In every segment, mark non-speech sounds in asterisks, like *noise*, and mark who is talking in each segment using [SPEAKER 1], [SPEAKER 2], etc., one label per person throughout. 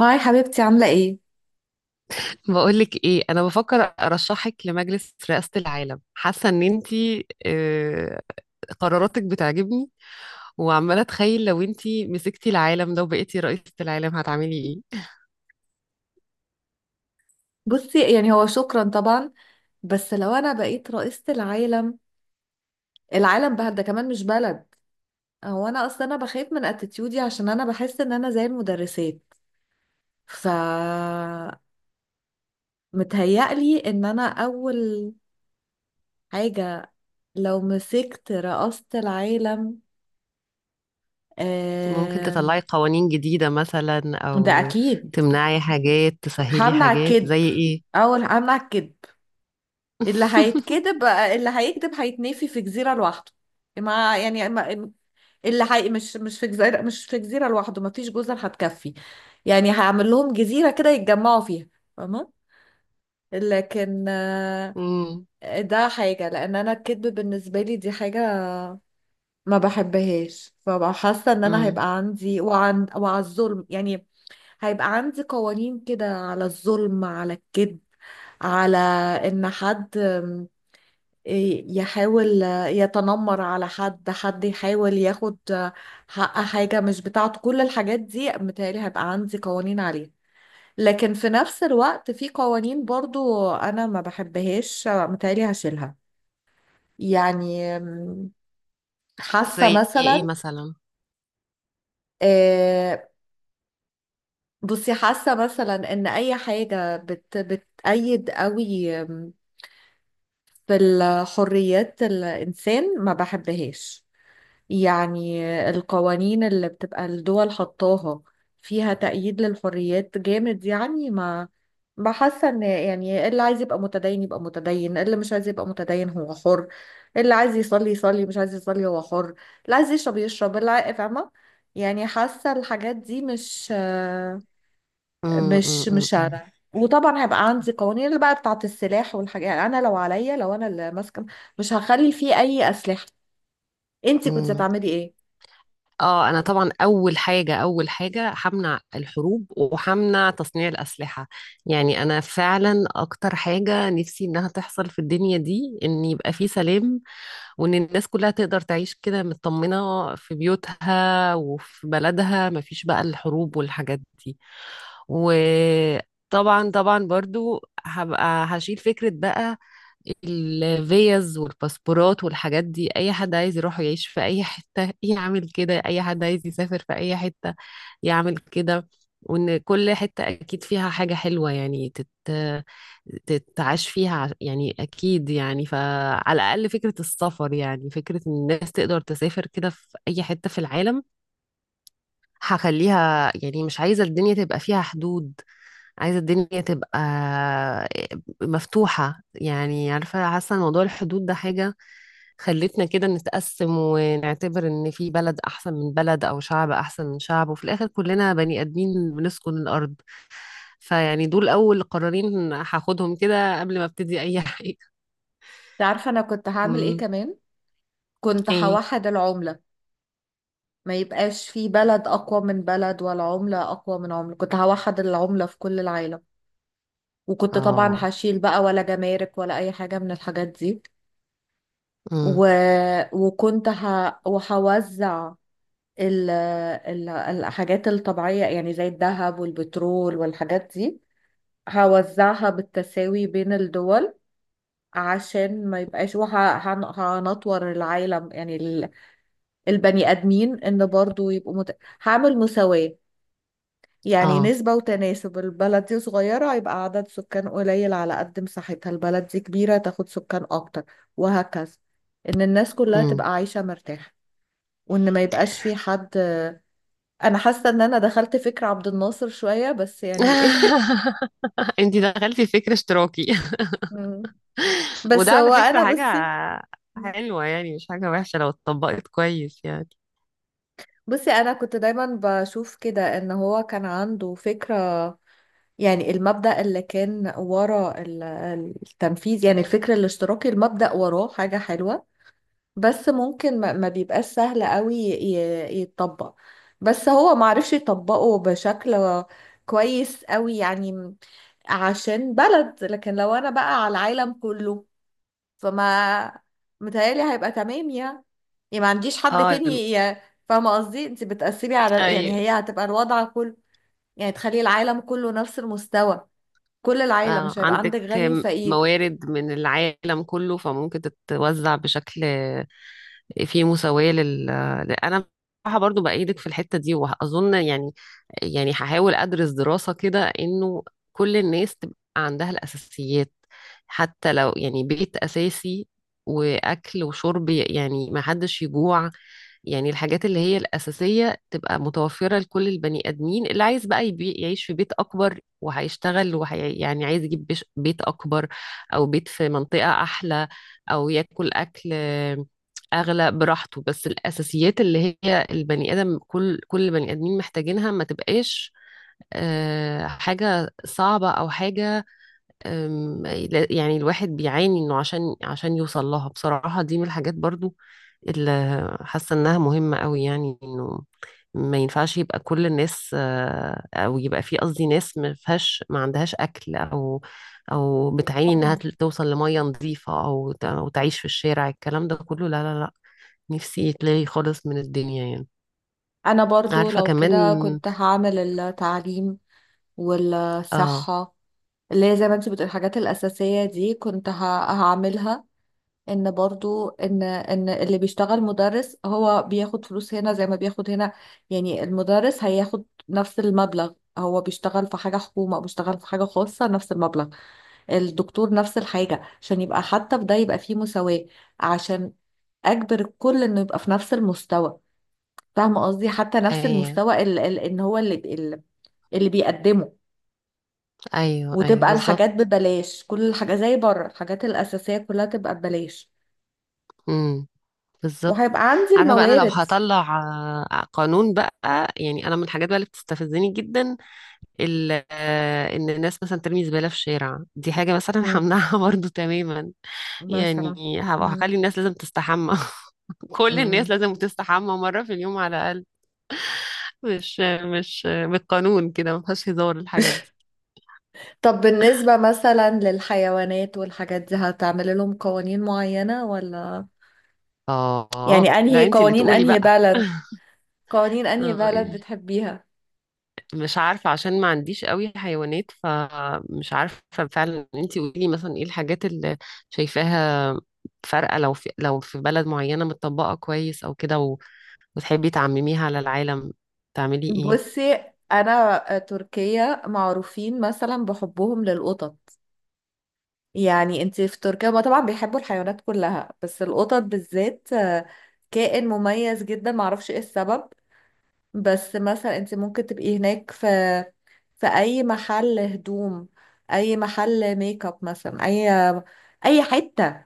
[SPEAKER 1] هاي حبيبتي، عاملة ايه؟
[SPEAKER 2] بقولك ايه؟ انا بفكر ارشحك لمجلس رئاسة العالم. حاسة ان انتي قراراتك بتعجبني. وعمالة اتخيل لو انتي مسكتي العالم ده وبقيتي رئيسة العالم هتعملي ايه؟
[SPEAKER 1] بصي، يعني هو شكرا طبعا. بس لو انا بقيت رئيسة العالم، العالم بقى ده كمان مش بلد. هو انا اصلا انا بخاف من اتيتيودي عشان انا بحس ان انا زي المدرسات. ف متهيألي ان انا اول حاجة لو مسكت رئاسة العالم.
[SPEAKER 2] ممكن
[SPEAKER 1] آم،
[SPEAKER 2] تطلعي قوانين جديدة مثلا،
[SPEAKER 1] ده
[SPEAKER 2] او
[SPEAKER 1] اكيد.
[SPEAKER 2] تمنعي حاجات، تسهلي
[SPEAKER 1] همنع
[SPEAKER 2] حاجات،
[SPEAKER 1] الكذب،
[SPEAKER 2] زي ايه؟
[SPEAKER 1] اول همنع الكذب. اللي
[SPEAKER 2] *laughs*
[SPEAKER 1] هيتكذب اللي هيكذب هيتنفي في جزيرة لوحده، مع يعني اللي حقيقي. مش في جزيرة، مش في جزيرة لوحده، مفيش جزر هتكفي. يعني هعمل لهم جزيرة كده يتجمعوا فيها، فاهمة؟ لكن
[SPEAKER 2] مم،
[SPEAKER 1] ده حاجة، لأن أنا الكذب بالنسبة لي دي حاجة ما بحبهاش. فببقى حاسة إن أنا
[SPEAKER 2] مم.
[SPEAKER 1] هيبقى عندي وعلى الظلم. يعني هيبقى عندي قوانين كده على الظلم، على الكذب، على إن حد يحاول يتنمر على حد، حد يحاول ياخد حق حاجة مش بتاعته. كل الحاجات دي متهيألي هيبقى عندي قوانين عليها. لكن في نفس الوقت في قوانين برضو أنا ما بحبهاش متهيألي هشيلها. يعني م، حاسة
[SPEAKER 2] زي ايه
[SPEAKER 1] مثلا
[SPEAKER 2] مثلا؟
[SPEAKER 1] آه، بصي، حاسة مثلا إن أي حاجة بتأيد قوي في الحريات الإنسان ما بحبهاش. يعني القوانين اللي بتبقى الدول حطاها فيها تأييد للحريات جامد، يعني ما بحاسة ان، يعني اللي عايز يبقى متدين يبقى متدين، اللي مش عايز يبقى متدين هو حر. اللي عايز يصلي يصلي، مش عايز يصلي هو حر. اللي عايز يشرب يشرب. فاهمة؟ يعني حاسة الحاجات دي مش
[SPEAKER 2] مم، مم،
[SPEAKER 1] مش
[SPEAKER 2] مم،
[SPEAKER 1] شارع. وطبعا هيبقى عندي قوانين اللي بقى بتاعت السلاح والحاجات، يعني انا لو عليا، لو انا اللي ماسكه مش هخلي فيه اي اسلحه. انت كنت
[SPEAKER 2] مم.
[SPEAKER 1] هتعملي ايه؟
[SPEAKER 2] اه، انا طبعا اول حاجه همنع الحروب وهمنع تصنيع الاسلحه. يعني انا فعلا اكتر حاجه نفسي انها تحصل في الدنيا دي ان يبقى في سلام، وان الناس كلها تقدر تعيش كده مطمنه في بيوتها وفي بلدها، مفيش بقى الحروب والحاجات دي. وطبعا طبعا برضو هبقى هشيل فكره بقى الفيز والباسبورات والحاجات دي. اي حد عايز يروح يعيش في اي حتة يعمل كده، اي حد عايز يسافر في اي حتة يعمل كده. وان كل حتة اكيد فيها حاجة حلوة، يعني تتعاش فيها يعني اكيد، يعني فعلى الاقل فكرة السفر، يعني فكرة ان الناس تقدر تسافر كده في اي حتة في العالم هخليها. يعني مش عايزة الدنيا تبقى فيها حدود، عايزة الدنيا تبقى مفتوحة. يعني عارفة، حاسة إن موضوع الحدود ده حاجة خلتنا كده نتقسم ونعتبر ان في بلد احسن من بلد او شعب احسن من شعب، وفي الاخر كلنا بني ادمين بنسكن الارض. فيعني دول اول قرارين هاخدهم كده قبل ما ابتدي اي *laughs* حاجة.
[SPEAKER 1] تعرف انا كنت هعمل ايه
[SPEAKER 2] مم.
[SPEAKER 1] كمان؟ كنت
[SPEAKER 2] ايه؟
[SPEAKER 1] هوحد العملة. ما يبقاش في بلد اقوى من بلد ولا عملة اقوى من عملة، كنت هوحد العملة في كل العالم. وكنت طبعا
[SPEAKER 2] اه.
[SPEAKER 1] هشيل بقى ولا جمارك ولا اي حاجة من الحاجات دي.
[SPEAKER 2] مم.
[SPEAKER 1] و... وهوزع الحاجات الطبيعية، يعني زي الذهب والبترول والحاجات دي، هوزعها بالتساوي بين الدول عشان ما يبقاش. وهنطور العالم، يعني البني آدمين إن برضو هعمل مساواة. يعني
[SPEAKER 2] اه.
[SPEAKER 1] نسبة وتناسب، البلد دي صغيرة يبقى عدد سكان قليل على قد مساحتها، البلد دي كبيرة تاخد سكان أكتر، وهكذا. إن الناس كلها
[SPEAKER 2] مم.
[SPEAKER 1] تبقى عايشة مرتاحة، وإن ما يبقاش في حد. أنا حاسة إن أنا دخلت فكر عبد الناصر شوية بس، يعني *laughs* إيه.
[SPEAKER 2] *laughs* انتي دخلتي في فكر اشتراكي.
[SPEAKER 1] مم. بس
[SPEAKER 2] وده على
[SPEAKER 1] هو
[SPEAKER 2] فكرة
[SPEAKER 1] أنا
[SPEAKER 2] حاجة
[SPEAKER 1] بصي
[SPEAKER 2] حلوة، يعني مش حاجة وحشة لو اتطبقت كويس يعني.
[SPEAKER 1] بصي أنا كنت دايما بشوف كده إن هو كان عنده فكرة. يعني المبدأ اللي كان ورا التنفيذ، يعني الفكر الاشتراكي المبدأ وراه حاجة حلوة. بس ممكن ما بيبقاش سهل قوي يتطبق. بس هو معرفش يطبقه بشكل كويس قوي، يعني عشان بلد. لكن لو انا بقى على العالم كله فما متهيألي هيبقى تمام يعني. يعني ما عنديش حد
[SPEAKER 2] اه.
[SPEAKER 1] تاني. ي- فاهمة قصدي؟ انت بتقسمي على، يعني
[SPEAKER 2] أيوة.
[SPEAKER 1] هي هتبقى الوضع كله. يعني تخلي العالم كله نفس المستوى كل العيلة،
[SPEAKER 2] آه،
[SPEAKER 1] مش هيبقى
[SPEAKER 2] عندك
[SPEAKER 1] عندك غني وفقير.
[SPEAKER 2] موارد من العالم كله فممكن تتوزع بشكل فيه مساواة. أنا بصراحة برضو بأيدك في الحتة دي، وأظن يعني هحاول أدرس دراسة كده إنه كل الناس تبقى عندها الأساسيات، حتى لو يعني بيت أساسي وأكل وشرب، يعني ما حدش يجوع. يعني الحاجات اللي هي الأساسية تبقى متوفرة لكل البني آدمين. اللي عايز بقى يعيش في بيت أكبر وهيشتغل يعني عايز يجيب بيت أكبر، أو بيت في منطقة أحلى، أو ياكل أكل أغلى براحته. بس الأساسيات اللي هي البني آدم، كل بني آدمين محتاجينها، ما تبقاش حاجة صعبة أو حاجة. أم، لا- يعني الواحد بيعاني انه عشان يوصل لها بصراحة. دي من الحاجات برضو اللي حاسة انها مهمة قوي، يعني انه ما ينفعش يبقى كل الناس او يبقى في، قصدي، ناس ما فيهاش ما عندهاش اكل، او بتعاني انها
[SPEAKER 1] طبعا،
[SPEAKER 2] توصل لمية نظيفة، او تعيش في الشارع. الكلام ده كله لا لا لا. نفسي يتلغي خالص من الدنيا يعني.
[SPEAKER 1] انا برضو
[SPEAKER 2] عارفة
[SPEAKER 1] لو
[SPEAKER 2] كمان.
[SPEAKER 1] كده كنت هعمل التعليم
[SPEAKER 2] اه.
[SPEAKER 1] والصحة، اللي هي زي ما انت بتقول الحاجات الأساسية دي، كنت هعملها. ان برضو ان اللي بيشتغل مدرس هو بياخد فلوس هنا زي ما بياخد هنا. يعني المدرس هياخد نفس المبلغ، هو بيشتغل في حاجة حكومة او بيشتغل في حاجة خاصة نفس المبلغ. الدكتور نفس الحاجة، عشان يبقى حتى في ده يبقى فيه مساواة، عشان اجبر الكل انه يبقى في نفس المستوى. فاهمة قصدي؟ حتى نفس
[SPEAKER 2] ايوه،
[SPEAKER 1] المستوى ان هو اللي اللي بيقدمه.
[SPEAKER 2] ايوه، ايوه،
[SPEAKER 1] وتبقى الحاجات
[SPEAKER 2] بالظبط.
[SPEAKER 1] ببلاش، كل الحاجة زي بره، الحاجات الأساسية كلها تبقى ببلاش.
[SPEAKER 2] إمم. بالظبط.
[SPEAKER 1] وهيبقى عندي
[SPEAKER 2] عارفه بقى انا لو
[SPEAKER 1] الموارد.
[SPEAKER 2] هطلع قانون بقى. يعني انا من الحاجات بقى اللي بتستفزني جدا ان الناس مثلا ترمي زباله في الشارع، دي حاجه مثلا
[SPEAKER 1] مم.
[SPEAKER 2] همنعها *laughs* برضو تماما. يعني
[SPEAKER 1] مثلا.
[SPEAKER 2] هبقى
[SPEAKER 1] مم.
[SPEAKER 2] هخلي الناس لازم تستحمى. *laughs* كل الناس
[SPEAKER 1] مم.
[SPEAKER 2] لازم تستحمى مره في اليوم على الاقل. مش مش بالقانون كده، ما فيهاش هزار الحاجات دي.
[SPEAKER 1] طب بالنسبة مثلا للحيوانات والحاجات دي هتعمل لهم قوانين معينة ولا؟ يعني
[SPEAKER 2] اه،
[SPEAKER 1] انهي
[SPEAKER 2] لا، انت اللي
[SPEAKER 1] قوانين،
[SPEAKER 2] تقولي
[SPEAKER 1] انهي
[SPEAKER 2] بقى.
[SPEAKER 1] بلد،
[SPEAKER 2] *laughs*
[SPEAKER 1] قوانين انهي
[SPEAKER 2] اه
[SPEAKER 1] بلد
[SPEAKER 2] يعني
[SPEAKER 1] بتحبيها؟
[SPEAKER 2] مش عارفة عشان ما عنديش قوي حيوانات فمش عارفة. فعلا انتي قولي مثلا ايه الحاجات اللي شايفاها فارقة، لو في بلد معينة متطبقة كويس او كده وتحبي تعمميها على العالم، تعملي ايه؟
[SPEAKER 1] بصي، انا تركيا معروفين مثلا بحبهم للقطط. يعني انتي في تركيا، ما طبعا بيحبوا الحيوانات كلها، بس القطط بالذات كائن مميز جدا، معرفش ايه السبب. بس مثلا انت ممكن تبقي هناك في اي محل هدوم، اي محل ميك اب مثلا، اي حتة،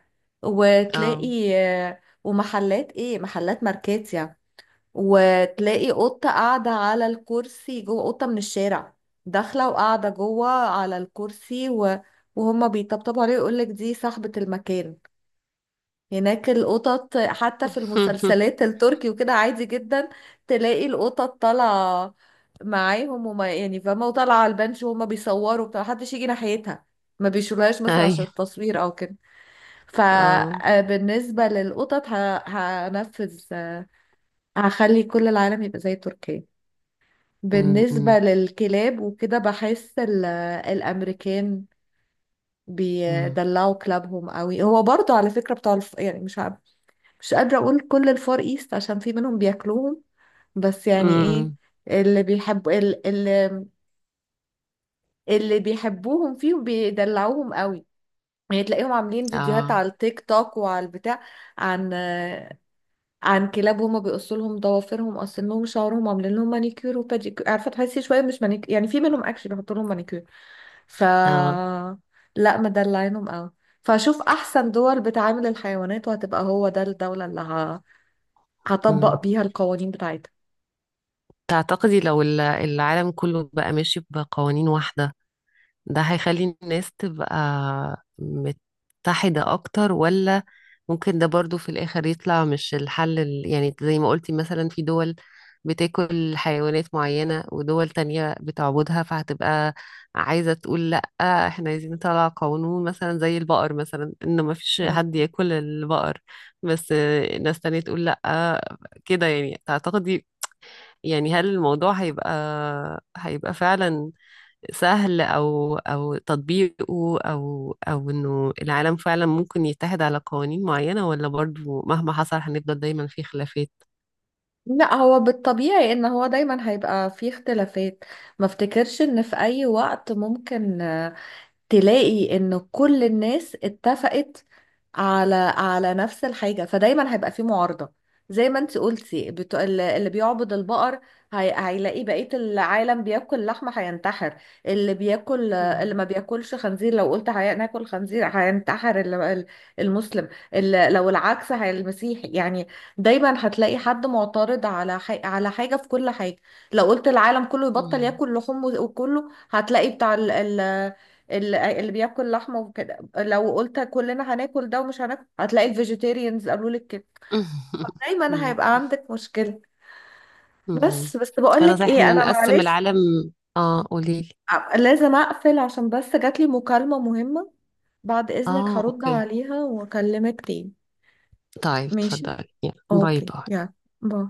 [SPEAKER 2] اه.
[SPEAKER 1] وتلاقي ومحلات ايه، محلات ماركات يعني، وتلاقي قطة قاعدة على الكرسي جوه، قطة من الشارع داخلة وقاعدة جوه على الكرسي، وهما بيطبطبوا عليه ويقولك دي صاحبة المكان. هناك القطط حتى في
[SPEAKER 2] *laughs*
[SPEAKER 1] المسلسلات التركي وكده عادي جدا، تلاقي القطط طالعة معاهم، وما يعني فاهمة، وطالعة على البنش وهما بيصوروا بتاع، محدش يجي ناحيتها، ما بيشيلوهاش مثلا عشان
[SPEAKER 2] ايوه.
[SPEAKER 1] التصوير او كده.
[SPEAKER 2] اه.
[SPEAKER 1] فبالنسبة للقطط هنفذ هخلي كل العالم يبقى زي تركيا.
[SPEAKER 2] أم،
[SPEAKER 1] بالنسبة
[SPEAKER 2] أم،
[SPEAKER 1] للكلاب وكده بحس الأمريكان
[SPEAKER 2] أم،
[SPEAKER 1] بيدلعوا كلابهم قوي. هو برضو على فكرة بتاع يعني مش عارف، مش قادرة أقول كل الفار إيست عشان في منهم بياكلوهم. بس يعني إيه،
[SPEAKER 2] أم.
[SPEAKER 1] اللي بيحب ال- ال- اللي بيحبوهم فيهم بيدلعوهم قوي. يعني تلاقيهم عاملين فيديوهات
[SPEAKER 2] اه.
[SPEAKER 1] على التيك توك وعلى البتاع عن عن كلاب، هما بيقصوا لهم ضوافرهم، قاصينهم شعرهم، عاملين لهم مانيكير وباديكير. عارفة، تحسي شوية مش مانيكير، يعني في منهم اكشلي بيحطوا لهم مانيكير. ف
[SPEAKER 2] اه.
[SPEAKER 1] لا، مدلعينهم قوي. فاشوف احسن دول بتعامل الحيوانات، وهتبقى هو ده الدولة اللي
[SPEAKER 2] أم.
[SPEAKER 1] هطبق بيها القوانين بتاعتها.
[SPEAKER 2] تعتقدي لو العالم كله بقى ماشي بقوانين واحدة، ده هيخلي الناس تبقى متحدة أكتر؟ ولا ممكن ده برضو في الآخر يطلع مش الحل، يعني زي ما قلتي مثلا في دول بتاكل حيوانات معينة ودول تانية بتعبدها، فهتبقى عايزة تقول لأ، احنا عايزين نطلع قانون مثلا زي البقر مثلا إن ما فيش حد
[SPEAKER 1] مم.
[SPEAKER 2] ياكل البقر. بس ناس تانية تقول لأ كده. يعني تعتقدي، يعني هل الموضوع هيبقى فعلا سهل، او تطبيقه، او انه العالم فعلا ممكن يتحد على قوانين معينة، ولا برضو مهما حصل هنفضل دايما في خلافات؟
[SPEAKER 1] لا هو بالطبيعي ان هو دايما هيبقى فيه اختلافات. ما افتكرش ان في اي وقت ممكن تلاقي ان كل الناس اتفقت على نفس الحاجة. فدايما هيبقى في معارضة، زي ما انت قلتي. اللي بيعبد البقر هيلاقي بقية العالم بياكل لحمة هينتحر. اللي بياكل، اللي
[SPEAKER 2] مم.
[SPEAKER 1] ما بياكلش خنزير لو قلت ناكل خنزير هينتحر المسلم. لو العكس هي المسيحي يعني. دايما هتلاقي حد معترض على على حاجة في كل حاجة. لو قلت العالم كله يبطل
[SPEAKER 2] مم.
[SPEAKER 1] ياكل لحوم وكله هتلاقي بتاع اللي بياكل لحمه وكده. لو قلت كلنا هناكل ده ومش هناكل هتلاقي الفيجيتيريانز قالوا لك كده.
[SPEAKER 2] *laughs*
[SPEAKER 1] فدايما
[SPEAKER 2] مم.
[SPEAKER 1] هيبقى عندك مشكله.
[SPEAKER 2] مم.
[SPEAKER 1] بس بقول
[SPEAKER 2] انا
[SPEAKER 1] لك
[SPEAKER 2] صحيح
[SPEAKER 1] ايه،
[SPEAKER 2] ان
[SPEAKER 1] انا
[SPEAKER 2] نقسم
[SPEAKER 1] معلش
[SPEAKER 2] العالم. اه، قوليلي.
[SPEAKER 1] لازم اقفل عشان بس جاتلي مكالمه مهمه. بعد اذنك
[SPEAKER 2] اه،
[SPEAKER 1] هرد
[SPEAKER 2] اوكي.
[SPEAKER 1] عليها واكلمك تاني.
[SPEAKER 2] طيب
[SPEAKER 1] ماشي.
[SPEAKER 2] اتفضلي. يلا. باي
[SPEAKER 1] اوكي
[SPEAKER 2] باي.
[SPEAKER 1] يلا. باي.